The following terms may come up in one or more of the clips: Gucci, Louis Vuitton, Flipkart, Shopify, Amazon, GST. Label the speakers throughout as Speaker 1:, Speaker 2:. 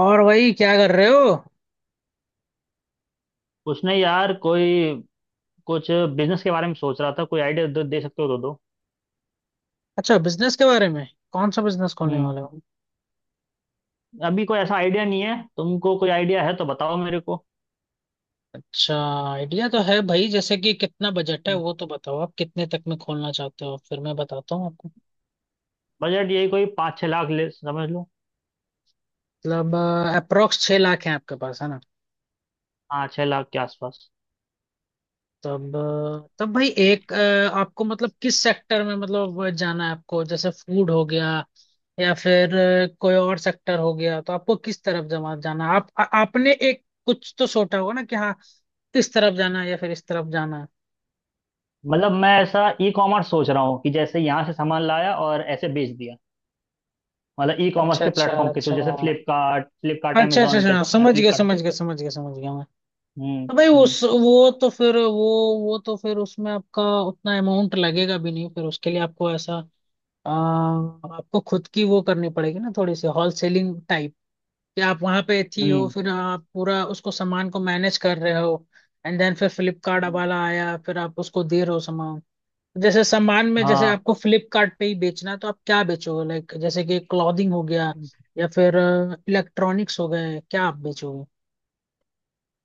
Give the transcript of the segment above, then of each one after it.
Speaker 1: और वही क्या कर रहे हो।
Speaker 2: उसने यार कोई कुछ बिजनेस के बारे में सोच रहा था। कोई आइडिया दे सकते हो तो दो।
Speaker 1: अच्छा बिजनेस के बारे में। कौन सा बिजनेस खोलने
Speaker 2: हम्म।
Speaker 1: वाले हो।
Speaker 2: अभी कोई ऐसा आइडिया नहीं है, तुमको कोई आइडिया है तो बताओ मेरे को।
Speaker 1: अच्छा, आइडिया तो है भाई, जैसे कि कितना बजट है
Speaker 2: हम्म।
Speaker 1: वो तो बताओ, आप कितने तक में खोलना चाहते हो, फिर मैं बताता हूँ आपको।
Speaker 2: बजट यही कोई 5-6 लाख ले समझ लो।
Speaker 1: मतलब अप्रोक्स 6 लाख है आपके पास, है ना।
Speaker 2: हाँ, 6 लाख के आसपास।
Speaker 1: तब भाई एक आपको मतलब किस सेक्टर में मतलब जाना है आपको, जैसे फूड हो गया या फिर कोई और सेक्टर हो गया, तो आपको किस तरफ जमा जाना है? आपने एक कुछ तो सोचा होगा ना कि हाँ, इस तरफ जाना है या फिर इस तरफ जाना है।
Speaker 2: मतलब मैं ऐसा ई कॉमर्स सोच रहा हूँ कि जैसे यहाँ से सामान लाया और ऐसे बेच दिया। मतलब ई कॉमर्स
Speaker 1: अच्छा,
Speaker 2: के
Speaker 1: अच्छा,
Speaker 2: प्लेटफॉर्म के थ्रू,
Speaker 1: अच्छा,
Speaker 2: जैसे फ्लिपकार्ट फ्लिपकार्ट
Speaker 1: अच्छा, अच्छा,
Speaker 2: अमेजोन पे।
Speaker 1: अच्छा, समझ गया,
Speaker 2: फ्लिपकार्ट।
Speaker 1: समझ गया, समझ गया, समझ गया मैं।
Speaker 2: हम्म।
Speaker 1: तो भाई
Speaker 2: हम्म।
Speaker 1: उस वो तो फिर उसमें आपका उतना अमाउंट लगेगा भी नहीं, फिर उसके लिए आपको ऐसा आपको खुद की वो करनी पड़ेगी ना, थोड़ी सी होल सेलिंग टाइप, कि आप वहां पे थी हो,
Speaker 2: हम्म।
Speaker 1: फिर आप पूरा उसको सामान को मैनेज कर रहे हो। एंड देन फिर फ्लिपकार्ट
Speaker 2: हम्म,
Speaker 1: वाला आया, फिर आप उसको दे रहे हो सामान। जैसे सामान में जैसे
Speaker 2: हाँ।
Speaker 1: आपको फ्लिपकार्ट पे ही बेचना है, तो आप क्या बेचोगे? लाइक जैसे कि क्लॉथिंग हो गया या फिर इलेक्ट्रॉनिक्स हो गए, क्या आप बेचोगे?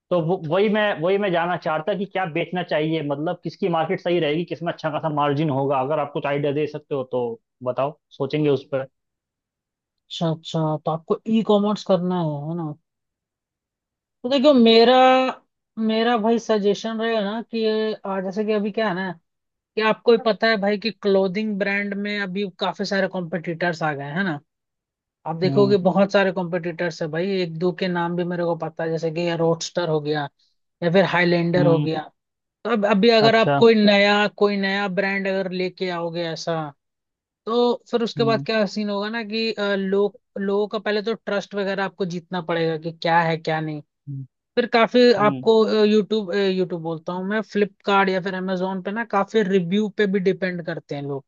Speaker 2: तो वो वही मैं जानना चाहता कि क्या बेचना चाहिए, मतलब किसकी मार्केट सही रहेगी, किसमें अच्छा खासा मार्जिन होगा। अगर आप कुछ आइडिया दे सकते हो तो बताओ, सोचेंगे उस पर।
Speaker 1: अच्छा, अच्छा, तो आपको ई कॉमर्स करना है ना। तो देखियो, मेरा मेरा भाई सजेशन रहेगा ना कि जैसे कि अभी क्या है ना, कि आपको ही पता है भाई कि क्लोथिंग ब्रांड में अभी काफी सारे कॉम्पिटिटर्स आ गए हैं ना। आप
Speaker 2: हम्म।
Speaker 1: देखोगे बहुत सारे कॉम्पिटिटर्स है भाई, एक दो के नाम भी मेरे को पता है, जैसे कि ये रोडस्टर हो गया या फिर हाईलैंडर हो
Speaker 2: हम्म।
Speaker 1: गया। तो अब अभी अगर आप
Speaker 2: अच्छा।
Speaker 1: कोई नया ब्रांड अगर लेके आओगे ऐसा, तो फिर उसके बाद
Speaker 2: हम्म।
Speaker 1: क्या सीन होगा ना कि लोगों का पहले तो ट्रस्ट वगैरह आपको जीतना पड़ेगा, कि क्या है क्या नहीं।
Speaker 2: हम्म।
Speaker 1: फिर काफी
Speaker 2: हम्म,
Speaker 1: आपको यूट्यूब यूट्यूब बोलता हूँ मैं, फ्लिपकार्ट या फिर अमेजोन पे ना काफी रिव्यू पे भी डिपेंड करते हैं लोग,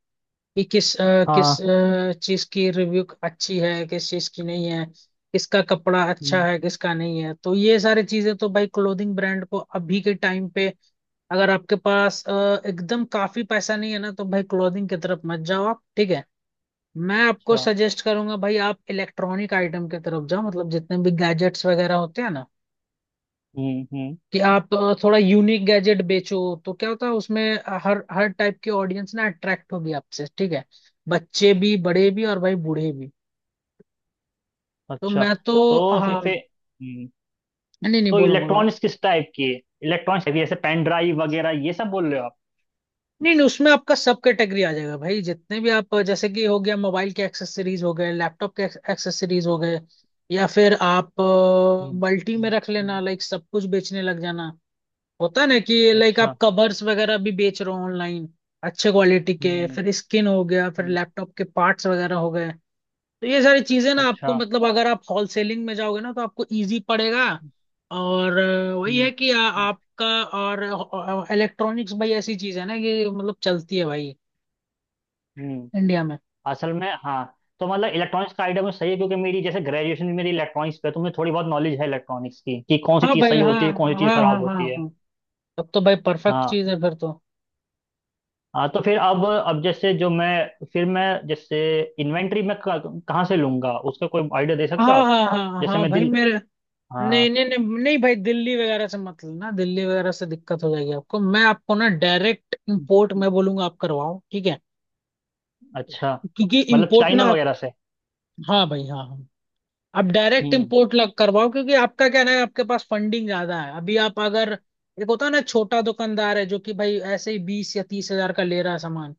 Speaker 1: कि
Speaker 2: हाँ।
Speaker 1: चीज की रिव्यू अच्छी है, किस चीज की नहीं है, किसका कपड़ा अच्छा
Speaker 2: हम्म,
Speaker 1: है किसका नहीं है। तो ये सारी चीजें तो भाई क्लोथिंग ब्रांड को अभी के टाइम पे, अगर आपके पास एकदम काफी पैसा नहीं है ना, तो भाई क्लोथिंग की तरफ मत जाओ आप, ठीक है। मैं आपको
Speaker 2: अच्छा।
Speaker 1: सजेस्ट करूंगा भाई, आप इलेक्ट्रॉनिक आइटम की तरफ जाओ, मतलब जितने भी गैजेट्स वगैरह होते हैं ना,
Speaker 2: हम्म। हम्म।
Speaker 1: कि आप थोड़ा यूनिक गैजेट बेचो। तो क्या होता है उसमें हर हर टाइप की ऑडियंस ना अट्रैक्ट होगी आपसे, ठीक है। बच्चे भी, बड़े भी, और भाई बूढ़े भी। तो
Speaker 2: अच्छा।
Speaker 1: मैं तो
Speaker 2: तो फिर
Speaker 1: हाँ।
Speaker 2: फिर- हम्म।
Speaker 1: नहीं नहीं,
Speaker 2: तो
Speaker 1: बोलो बोलो।
Speaker 2: इलेक्ट्रॉनिक्स किस टाइप की है? इलेक्ट्रॉनिक्स है जैसे पेन ड्राइव वगैरह, ये सब बोल रहे हो आप?
Speaker 1: नहीं नहीं, उसमें आपका सब कैटेगरी आ जाएगा भाई, जितने भी आप जैसे कि हो गया मोबाइल के एक्सेसरीज हो गए, लैपटॉप के एक्सेसरीज हो गए, या फिर आप
Speaker 2: हम्म।
Speaker 1: मल्टी में
Speaker 2: हम्म,
Speaker 1: रख लेना,
Speaker 2: हम्म,
Speaker 1: लाइक सब कुछ बेचने लग जाना। होता है ना कि लाइक
Speaker 2: अच्छा।
Speaker 1: आप कवर्स वगैरह भी बेच रहे हो ऑनलाइन, अच्छे क्वालिटी के,
Speaker 2: हम्म।
Speaker 1: फिर स्किन हो गया, फिर
Speaker 2: हम्म,
Speaker 1: लैपटॉप के पार्ट्स वगैरह हो गए। तो ये सारी चीजें ना
Speaker 2: अच्छा।
Speaker 1: आपको मतलब, अगर आप होलसेलिंग में जाओगे ना, तो आपको इजी पड़ेगा।
Speaker 2: हम्म।
Speaker 1: और वही
Speaker 2: हम्म।
Speaker 1: है कि आपका, और इलेक्ट्रॉनिक्स भाई ऐसी चीज है ना कि मतलब चलती है भाई
Speaker 2: हम्म,
Speaker 1: इंडिया में।
Speaker 2: असल में हाँ। तो मतलब इलेक्ट्रॉनिक्स का आइडिया मुझे सही है, क्योंकि मेरी जैसे ग्रेजुएशन भी मेरी इलेक्ट्रॉनिक्स पे है, तो मुझे थोड़ी बहुत नॉलेज है इलेक्ट्रॉनिक्स की कि कौन सी
Speaker 1: हाँ
Speaker 2: चीज़
Speaker 1: भाई
Speaker 2: सही
Speaker 1: हाँ,
Speaker 2: होती है, कौन सी चीज़
Speaker 1: हाँ हाँ
Speaker 2: खराब
Speaker 1: हाँ
Speaker 2: होती है।
Speaker 1: हाँ। तब तो भाई परफेक्ट
Speaker 2: हाँ,
Speaker 1: चीज है फिर तो।
Speaker 2: हाँ। तो फिर अब जैसे जो मैं फिर मैं जैसे इन्वेंट्री मैं कहाँ से लूंगा, उसका कोई आइडिया दे सकते हो
Speaker 1: हाँ
Speaker 2: आप?
Speaker 1: हाँ हाँ
Speaker 2: जैसे
Speaker 1: हाँ
Speaker 2: मैं
Speaker 1: भाई
Speaker 2: दिल।
Speaker 1: मेरे,
Speaker 2: हाँ।
Speaker 1: नहीं नहीं नहीं नहीं भाई, दिल्ली वगैरह से मत लेना, दिल्ली वगैरह से दिक्कत हो जाएगी आपको। मैं आपको ना डायरेक्ट इंपोर्ट मैं बोलूंगा, आप करवाओ, ठीक है।
Speaker 2: अच्छा।
Speaker 1: क्योंकि
Speaker 2: मतलब
Speaker 1: इंपोर्ट ना
Speaker 2: चाइना
Speaker 1: आप।
Speaker 2: वगैरह से?
Speaker 1: हाँ भाई हाँ हाँ। आप डायरेक्ट
Speaker 2: हम्म।
Speaker 1: इंपोर्ट लग करवाओ, क्योंकि आपका क्या ना है, आपके पास फंडिंग ज्यादा है अभी। आप अगर, एक होता है ना छोटा दुकानदार है जो कि भाई ऐसे ही 20 या 30 हज़ार का ले रहा है सामान,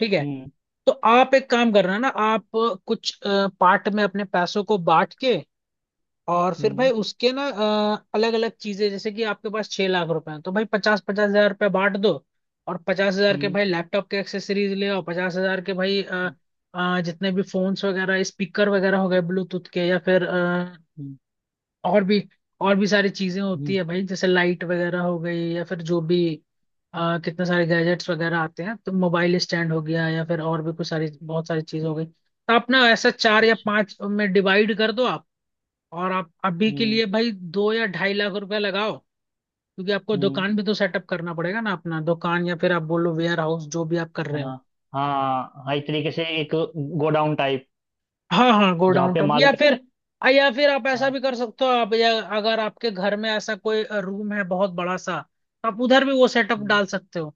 Speaker 1: ठीक है।
Speaker 2: हम्म।
Speaker 1: तो आप एक काम करना ना, आप कुछ पार्ट में अपने पैसों को बांट के, और फिर भाई
Speaker 2: हम्म।
Speaker 1: उसके ना अलग अलग चीजें, जैसे कि आपके पास 6 लाख रुपए हैं, तो भाई 50-50 हज़ार रुपये बांट दो। और 50 हज़ार के
Speaker 2: हम्म।
Speaker 1: भाई लैपटॉप के एक्सेसरीज ले आओ, 50 हज़ार के भाई
Speaker 2: हम्म।
Speaker 1: जितने भी फोन्स वगैरह स्पीकर वगैरह हो गए ब्लूटूथ के, या फिर
Speaker 2: हम्म,
Speaker 1: और भी और भी सारी चीजें होती
Speaker 2: हम्म,
Speaker 1: है भाई, जैसे लाइट वगैरह हो गई, या फिर जो भी कितने सारे गैजेट्स वगैरह आते हैं, तो मोबाइल स्टैंड हो गया या फिर और भी कुछ सारी बहुत सारी चीजें हो गई। तो अपना ऐसा चार या
Speaker 2: अच्छा।
Speaker 1: पांच में डिवाइड कर दो। और आप अभी के
Speaker 2: हम्म।
Speaker 1: लिए भाई 2 या 2.5 लाख रुपया लगाओ, क्योंकि आपको
Speaker 2: हम्म।
Speaker 1: दुकान भी तो सेटअप करना पड़ेगा ना अपना दुकान, या फिर आप बोलो वेयर हाउस, जो भी आप कर रहे हो।
Speaker 2: हाँ हाँ, हाँ, एक तरीके से एक गोडाउन टाइप,
Speaker 1: हाँ हाँ,
Speaker 2: जहाँ
Speaker 1: गोडाउन
Speaker 2: पे
Speaker 1: टाउन
Speaker 2: माल।
Speaker 1: या फिर, आप ऐसा
Speaker 2: हाँ।
Speaker 1: भी कर सकते हो आप, या अगर आपके घर में ऐसा कोई रूम है बहुत बड़ा सा, तो आप उधर भी वो सेटअप
Speaker 2: हम्म।
Speaker 1: डाल सकते हो।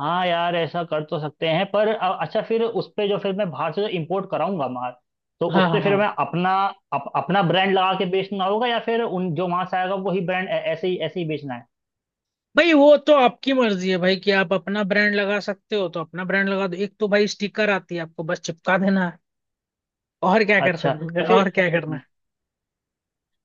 Speaker 2: हाँ यार, ऐसा कर तो सकते हैं, पर अच्छा फिर उस पे जो फिर मैं बाहर से जो इम्पोर्ट कराऊंगा माल, तो उस
Speaker 1: हाँ हाँ
Speaker 2: पे फिर
Speaker 1: हाँ
Speaker 2: मैं अपना अपना ब्रांड लगा के बेचना होगा, या फिर उन जो वहां से आएगा वही ब्रांड ऐसे ही बेचना है?
Speaker 1: भाई, वो तो आपकी मर्जी है भाई कि आप अपना ब्रांड लगा सकते हो, तो अपना ब्रांड लगा दो, एक तो भाई स्टिकर आती है आपको, बस चिपका देना है। और क्या कर
Speaker 2: अच्छा
Speaker 1: सकते
Speaker 2: तो
Speaker 1: हो,
Speaker 2: फिर।
Speaker 1: और क्या करना
Speaker 2: हम्म।
Speaker 1: है।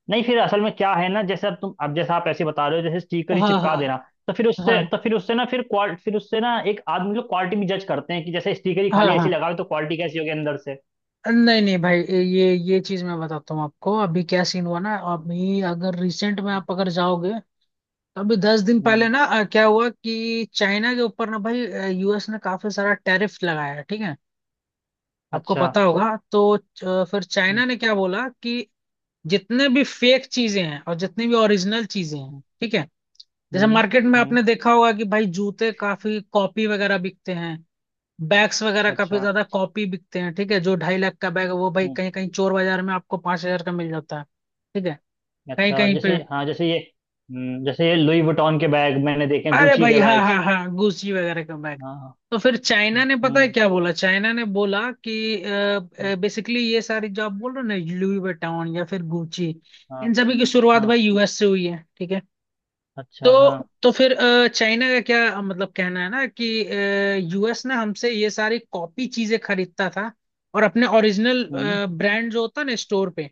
Speaker 2: नहीं, फिर असल में क्या है ना, जैसे अब तुम अब जैसे आप ऐसे बता रहे हो जैसे स्टिकर ही
Speaker 1: हाँ
Speaker 2: चिपका
Speaker 1: हाँ
Speaker 2: देना,
Speaker 1: हाँ
Speaker 2: तो फिर उससे ना फिर क्वाल फिर उससे ना एक आदमी लोग क्वालिटी भी जज करते हैं कि जैसे स्टिकर ही
Speaker 1: हाँ
Speaker 2: खाली ऐसे ही
Speaker 1: हाँ।
Speaker 2: लगाओ तो क्वालिटी कैसी होगी अंदर से।
Speaker 1: नहीं नहीं भाई, ये चीज मैं बताता हूँ आपको, अभी क्या सीन हुआ ना, अभी अगर रिसेंट में
Speaker 2: हम्म।
Speaker 1: आप अगर जाओगे, तो अभी 10 दिन पहले
Speaker 2: हम्म,
Speaker 1: ना क्या हुआ कि चाइना के ऊपर ना भाई यूएस ने काफी सारा टैरिफ लगाया है, ठीक है। आपको
Speaker 2: अच्छा।
Speaker 1: पता होगा, तो फिर
Speaker 2: हम्म।
Speaker 1: चाइना ने क्या बोला कि जितने भी फेक चीजें हैं और जितनी भी ओरिजिनल चीजें हैं,
Speaker 2: हम्म।
Speaker 1: ठीक है। जैसे
Speaker 2: हम्म।
Speaker 1: मार्केट में
Speaker 2: हम्म,
Speaker 1: आपने देखा होगा कि भाई जूते काफी कॉपी वगैरह बिकते हैं, बैग्स वगैरह काफी
Speaker 2: अच्छा।
Speaker 1: ज्यादा कॉपी बिकते हैं, ठीक है। जो 2.5 लाख का बैग है वो भाई
Speaker 2: हम्म।
Speaker 1: कहीं कहीं चोर बाजार में आपको 5 हज़ार का मिल जाता है, ठीक है, कहीं
Speaker 2: अच्छा
Speaker 1: कहीं
Speaker 2: जैसे
Speaker 1: पे।
Speaker 2: हाँ, जैसे ये। जैसे ये लुई वुइटन के बैग मैंने देखे हैं,
Speaker 1: अरे
Speaker 2: गुची
Speaker 1: भाई,
Speaker 2: के
Speaker 1: हाँ
Speaker 2: बैग्स।
Speaker 1: हाँ हाँ गुची वगैरह का बैग।
Speaker 2: हाँ, हाँ।
Speaker 1: तो फिर
Speaker 2: हम्म।
Speaker 1: चाइना ने पता है क्या बोला, चाइना ने बोला कि
Speaker 2: हम्म।
Speaker 1: बेसिकली ये सारी जो आप बोल रहे हो ना, लुई विटॉन या फिर गुची,
Speaker 2: हाँ,
Speaker 1: इन सभी की शुरुआत
Speaker 2: हाँ।
Speaker 1: भाई यूएस से हुई है, ठीक है।
Speaker 2: अच्छा हाँ।
Speaker 1: तो फिर चाइना का क्या मतलब कहना है ना कि, यूएस ने हमसे ये सारी कॉपी चीजें खरीदता था, और अपने ओरिजिनल
Speaker 2: हम्म।
Speaker 1: ब्रांड जो होता है ना स्टोर पे,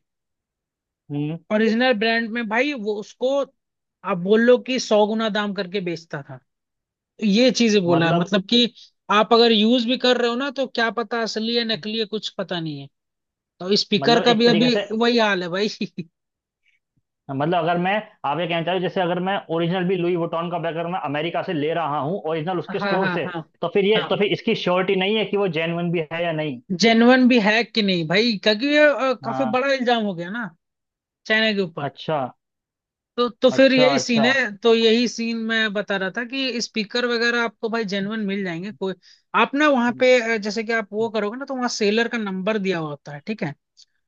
Speaker 2: हम्म।
Speaker 1: ओरिजिनल ब्रांड में भाई वो उसको आप बोल लो कि 100 गुना दाम करके बेचता था। ये चीजें बोला है,
Speaker 2: मतलब।
Speaker 1: मतलब कि आप अगर यूज भी कर रहे हो ना, तो क्या पता असली है नकली है, कुछ पता नहीं है। तो स्पीकर
Speaker 2: मतलब
Speaker 1: का भी
Speaker 2: एक तरीके
Speaker 1: अभी
Speaker 2: से।
Speaker 1: वही हाल है भाई।
Speaker 2: मतलब अगर मैं आप ये कहना चाह रहे हो, जैसे अगर मैं ओरिजिनल भी लुई वुइटन का बैग अगर मैं अमेरिका से ले रहा हूँ ओरिजिनल उसके
Speaker 1: हाँ
Speaker 2: स्टोर
Speaker 1: हाँ
Speaker 2: से,
Speaker 1: हाँ
Speaker 2: तो फिर ये
Speaker 1: हाँ,
Speaker 2: तो फिर इसकी श्योरिटी नहीं है कि वो जेन्युइन भी है या नहीं।
Speaker 1: जेन्युइन भी है कि नहीं भाई, क्योंकि ये काफी
Speaker 2: हाँ।
Speaker 1: बड़ा इल्जाम हो गया ना चाइना के ऊपर।
Speaker 2: अच्छा।
Speaker 1: तो फिर
Speaker 2: अच्छा।
Speaker 1: यही सीन
Speaker 2: अच्छा।
Speaker 1: है, तो यही सीन मैं बता रहा था कि स्पीकर वगैरह आपको भाई जेन्युइन मिल जाएंगे कोई। आप ना वहाँ
Speaker 2: हम्म,
Speaker 1: पे जैसे कि आप वो करोगे ना, तो वहाँ सेलर का नंबर दिया हुआ होता है, ठीक है।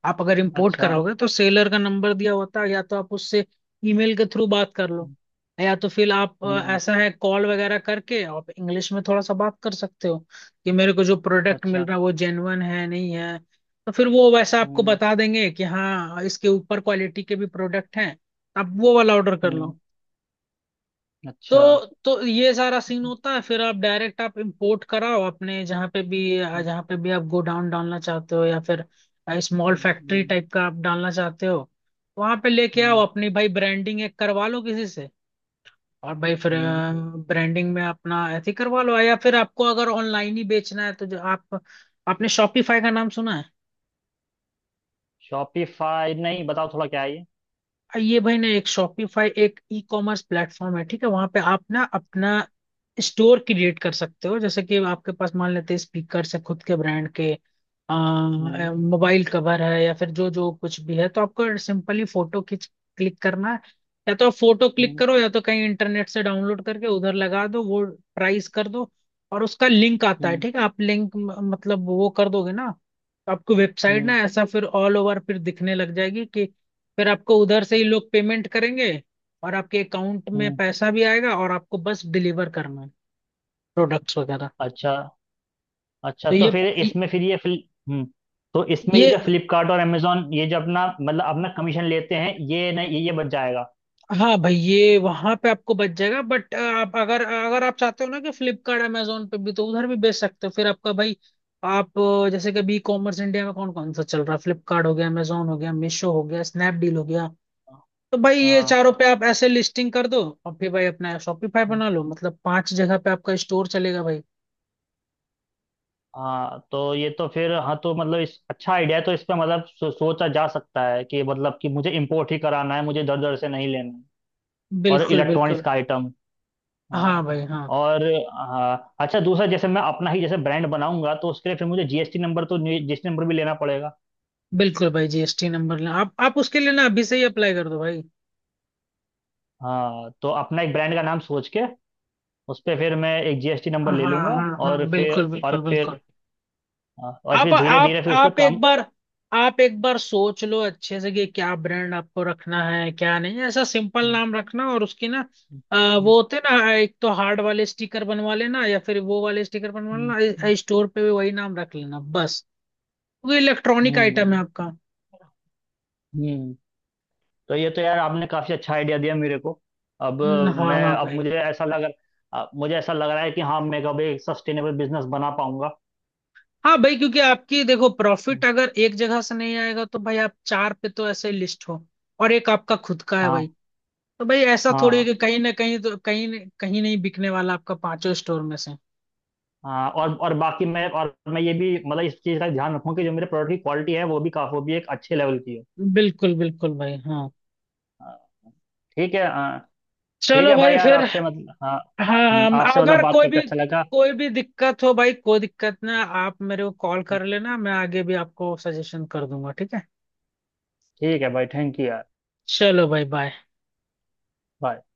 Speaker 1: आप अगर इंपोर्ट
Speaker 2: अच्छा।
Speaker 1: कराओगे तो सेलर का नंबर दिया होता है, या तो आप उससे ईमेल के थ्रू बात कर लो,
Speaker 2: हम्म।
Speaker 1: या तो फिर आप
Speaker 2: हम्म,
Speaker 1: ऐसा है, कॉल वगैरह करके आप इंग्लिश में थोड़ा सा बात कर सकते हो, कि मेरे को जो प्रोडक्ट मिल
Speaker 2: अच्छा।
Speaker 1: रहा है वो जेन्युइन है नहीं है। तो फिर वो वैसा आपको
Speaker 2: हम्म।
Speaker 1: बता देंगे कि हाँ, इसके ऊपर क्वालिटी के भी प्रोडक्ट हैं, आप वो वाला ऑर्डर कर
Speaker 2: हम्म।
Speaker 1: लो।
Speaker 2: अच्छा।
Speaker 1: तो ये सारा सीन
Speaker 2: हम्म,
Speaker 1: होता है, फिर आप डायरेक्ट आप इंपोर्ट कराओ अपने जहाँ पे भी,
Speaker 2: हम्म,
Speaker 1: जहाँ पे भी आप गोडाउन डालना चाहते हो, या फिर स्मॉल फैक्ट्री
Speaker 2: हम्म।
Speaker 1: टाइप का आप डालना चाहते हो, वहां पे लेके आओ,
Speaker 2: हम्म।
Speaker 1: अपनी भाई ब्रांडिंग एक करवा लो किसी से, और भाई फिर
Speaker 2: हम्म।
Speaker 1: ब्रांडिंग में अपना ऐसे ही करवा लो, या फिर आपको अगर ऑनलाइन ही बेचना है तो जो आप, आपने शॉपिफाई का नाम सुना है?
Speaker 2: शॉपिफाई? नहीं, बताओ थोड़ा, क्या है ये।
Speaker 1: ये भाई ना एक शॉपिफाई एक ई कॉमर्स प्लेटफॉर्म है, ठीक है। वहां पे आप ना अपना स्टोर क्रिएट कर सकते हो, जैसे कि आपके पास मान लेते हैं स्पीकर से खुद के ब्रांड के
Speaker 2: हम्म।
Speaker 1: मोबाइल कवर है, या फिर जो जो कुछ भी है, तो आपको सिंपली फोटो खींच क्लिक करना है, या तो आप फोटो क्लिक
Speaker 2: हम्म।
Speaker 1: करो, या तो कहीं इंटरनेट से डाउनलोड करके उधर लगा दो वो, प्राइस कर दो। और उसका लिंक आता है,
Speaker 2: हम्म।
Speaker 1: ठीक है, आप लिंक मतलब वो कर दोगे ना, तो आपको वेबसाइट ना
Speaker 2: हम्म,
Speaker 1: ऐसा फिर ऑल ओवर फिर दिखने लग जाएगी कि, फिर आपको उधर से ही लोग पेमेंट करेंगे, और आपके अकाउंट में
Speaker 2: हम्म।
Speaker 1: पैसा भी आएगा, और आपको बस डिलीवर करना है प्रोडक्ट्स वगैरह।
Speaker 2: अच्छा। अच्छा
Speaker 1: तो
Speaker 2: तो फिर इसमें फिर ये। हम्म। तो इसमें ये
Speaker 1: ये
Speaker 2: जो फ्लिपकार्ट और अमेजोन ये जो अपना मतलब अपना कमीशन लेते हैं, ये नहीं, ये बच जाएगा?
Speaker 1: हाँ भाई, ये वहां पे आपको बच जाएगा, बट आप अगर, आप चाहते हो ना कि फ्लिपकार्ट अमेजोन पे भी, तो उधर भी बेच सकते हो, फिर आपका भाई, आप जैसे कि अभी कॉमर्स इंडिया में कौन कौन सा चल रहा है, फ्लिपकार्ट हो गया, अमेजोन हो गया, मीशो हो गया, स्नैपडील हो गया। तो भाई ये
Speaker 2: हाँ,
Speaker 1: चारों पे आप ऐसे लिस्टिंग कर दो, और फिर भाई अपना शॉपिफाई बना लो, मतलब पांच जगह पे आपका स्टोर चलेगा भाई।
Speaker 2: हाँ। तो ये तो फिर हाँ, तो मतलब इस अच्छा आइडिया है, तो इस पे मतलब सोचा जा सकता है कि मतलब कि मुझे इम्पोर्ट ही कराना है, मुझे इधर उधर से नहीं लेना है, और
Speaker 1: बिल्कुल
Speaker 2: इलेक्ट्रॉनिक्स
Speaker 1: बिल्कुल,
Speaker 2: का आइटम।
Speaker 1: हाँ
Speaker 2: हाँ।
Speaker 1: भाई हाँ।
Speaker 2: और। हाँ, अच्छा, दूसरा जैसे मैं अपना ही जैसे ब्रांड बनाऊंगा, तो उसके लिए फिर मुझे जीएसटी नंबर, तो जीएसटी नंबर भी लेना पड़ेगा।
Speaker 1: बिल्कुल भाई जीएसटी नंबर लेना, आप उसके लिए ना अभी से ही अप्लाई कर दो भाई।
Speaker 2: हाँ, तो अपना एक ब्रांड का नाम सोच के उस पर फिर मैं एक जीएसटी नंबर
Speaker 1: हाँ
Speaker 2: ले
Speaker 1: हाँ
Speaker 2: लूंगा।
Speaker 1: हाँ
Speaker 2: और
Speaker 1: हाँ,
Speaker 2: फिर।
Speaker 1: बिल्कुल
Speaker 2: और
Speaker 1: बिल्कुल
Speaker 2: फिर।
Speaker 1: बिल्कुल।
Speaker 2: हाँ, और
Speaker 1: आप
Speaker 2: फिर धीरे
Speaker 1: आप
Speaker 2: धीरे फिर उस पर
Speaker 1: आप एक
Speaker 2: काम।
Speaker 1: बार आप एक बार सोच लो अच्छे से, कि क्या ब्रांड आपको रखना है क्या नहीं, ऐसा सिंपल
Speaker 2: हम्म।
Speaker 1: नाम रखना, और उसकी ना अ, वो होते हैं ना, एक तो हार्ड वाले स्टिकर बनवा लेना, या फिर वो वाले स्टिकर बनवा
Speaker 2: हम्म। हम्म,
Speaker 1: लेना, स्टोर पे भी वही नाम रख लेना बस, वो इलेक्ट्रॉनिक आइटम है
Speaker 2: हम्म।
Speaker 1: आपका।
Speaker 2: हम्म। तो ये तो यार आपने काफी अच्छा आइडिया दिया मेरे को। अब।
Speaker 1: हाँ
Speaker 2: मैं
Speaker 1: हाँ
Speaker 2: अब
Speaker 1: भाई।
Speaker 2: मुझे ऐसा लग। अब मुझे ऐसा लग रहा है कि हाँ मैं कभी एक सस्टेनेबल बिजनेस बना पाऊंगा।
Speaker 1: हाँ भाई, क्योंकि आपकी देखो प्रॉफिट अगर एक जगह से नहीं आएगा, तो भाई आप चार पे तो ऐसे लिस्ट हो, और एक आपका खुद का है
Speaker 2: हाँ,
Speaker 1: भाई। तो भाई ऐसा थोड़ी
Speaker 2: हाँ,
Speaker 1: कि कहीं ना कहीं तो, कहीं नहीं बिकने वाला आपका पांचों स्टोर में से।
Speaker 2: हाँ। और बाकी मैं और मैं ये भी मतलब इस चीज़ का ध्यान रखूँ कि जो मेरे प्रोडक्ट की क्वालिटी है वो भी एक अच्छे लेवल की हो।
Speaker 1: बिल्कुल बिल्कुल भाई हाँ,
Speaker 2: हाँ, ठीक है, हाँ। ठीक
Speaker 1: चलो
Speaker 2: है भाई,
Speaker 1: भाई
Speaker 2: यार
Speaker 1: फिर।
Speaker 2: आपसे मतलब हाँ।
Speaker 1: हाँ,
Speaker 2: आपसे मतलब
Speaker 1: अगर
Speaker 2: बात
Speaker 1: कोई
Speaker 2: करके
Speaker 1: भी
Speaker 2: अच्छा लगा।
Speaker 1: कोई भी दिक्कत हो भाई, कोई दिक्कत ना, आप मेरे को कॉल कर लेना, मैं आगे भी आपको सजेशन कर दूंगा, ठीक है।
Speaker 2: ठीक है भाई, थैंक यू यार।
Speaker 1: चलो भाई बाय।
Speaker 2: बाय।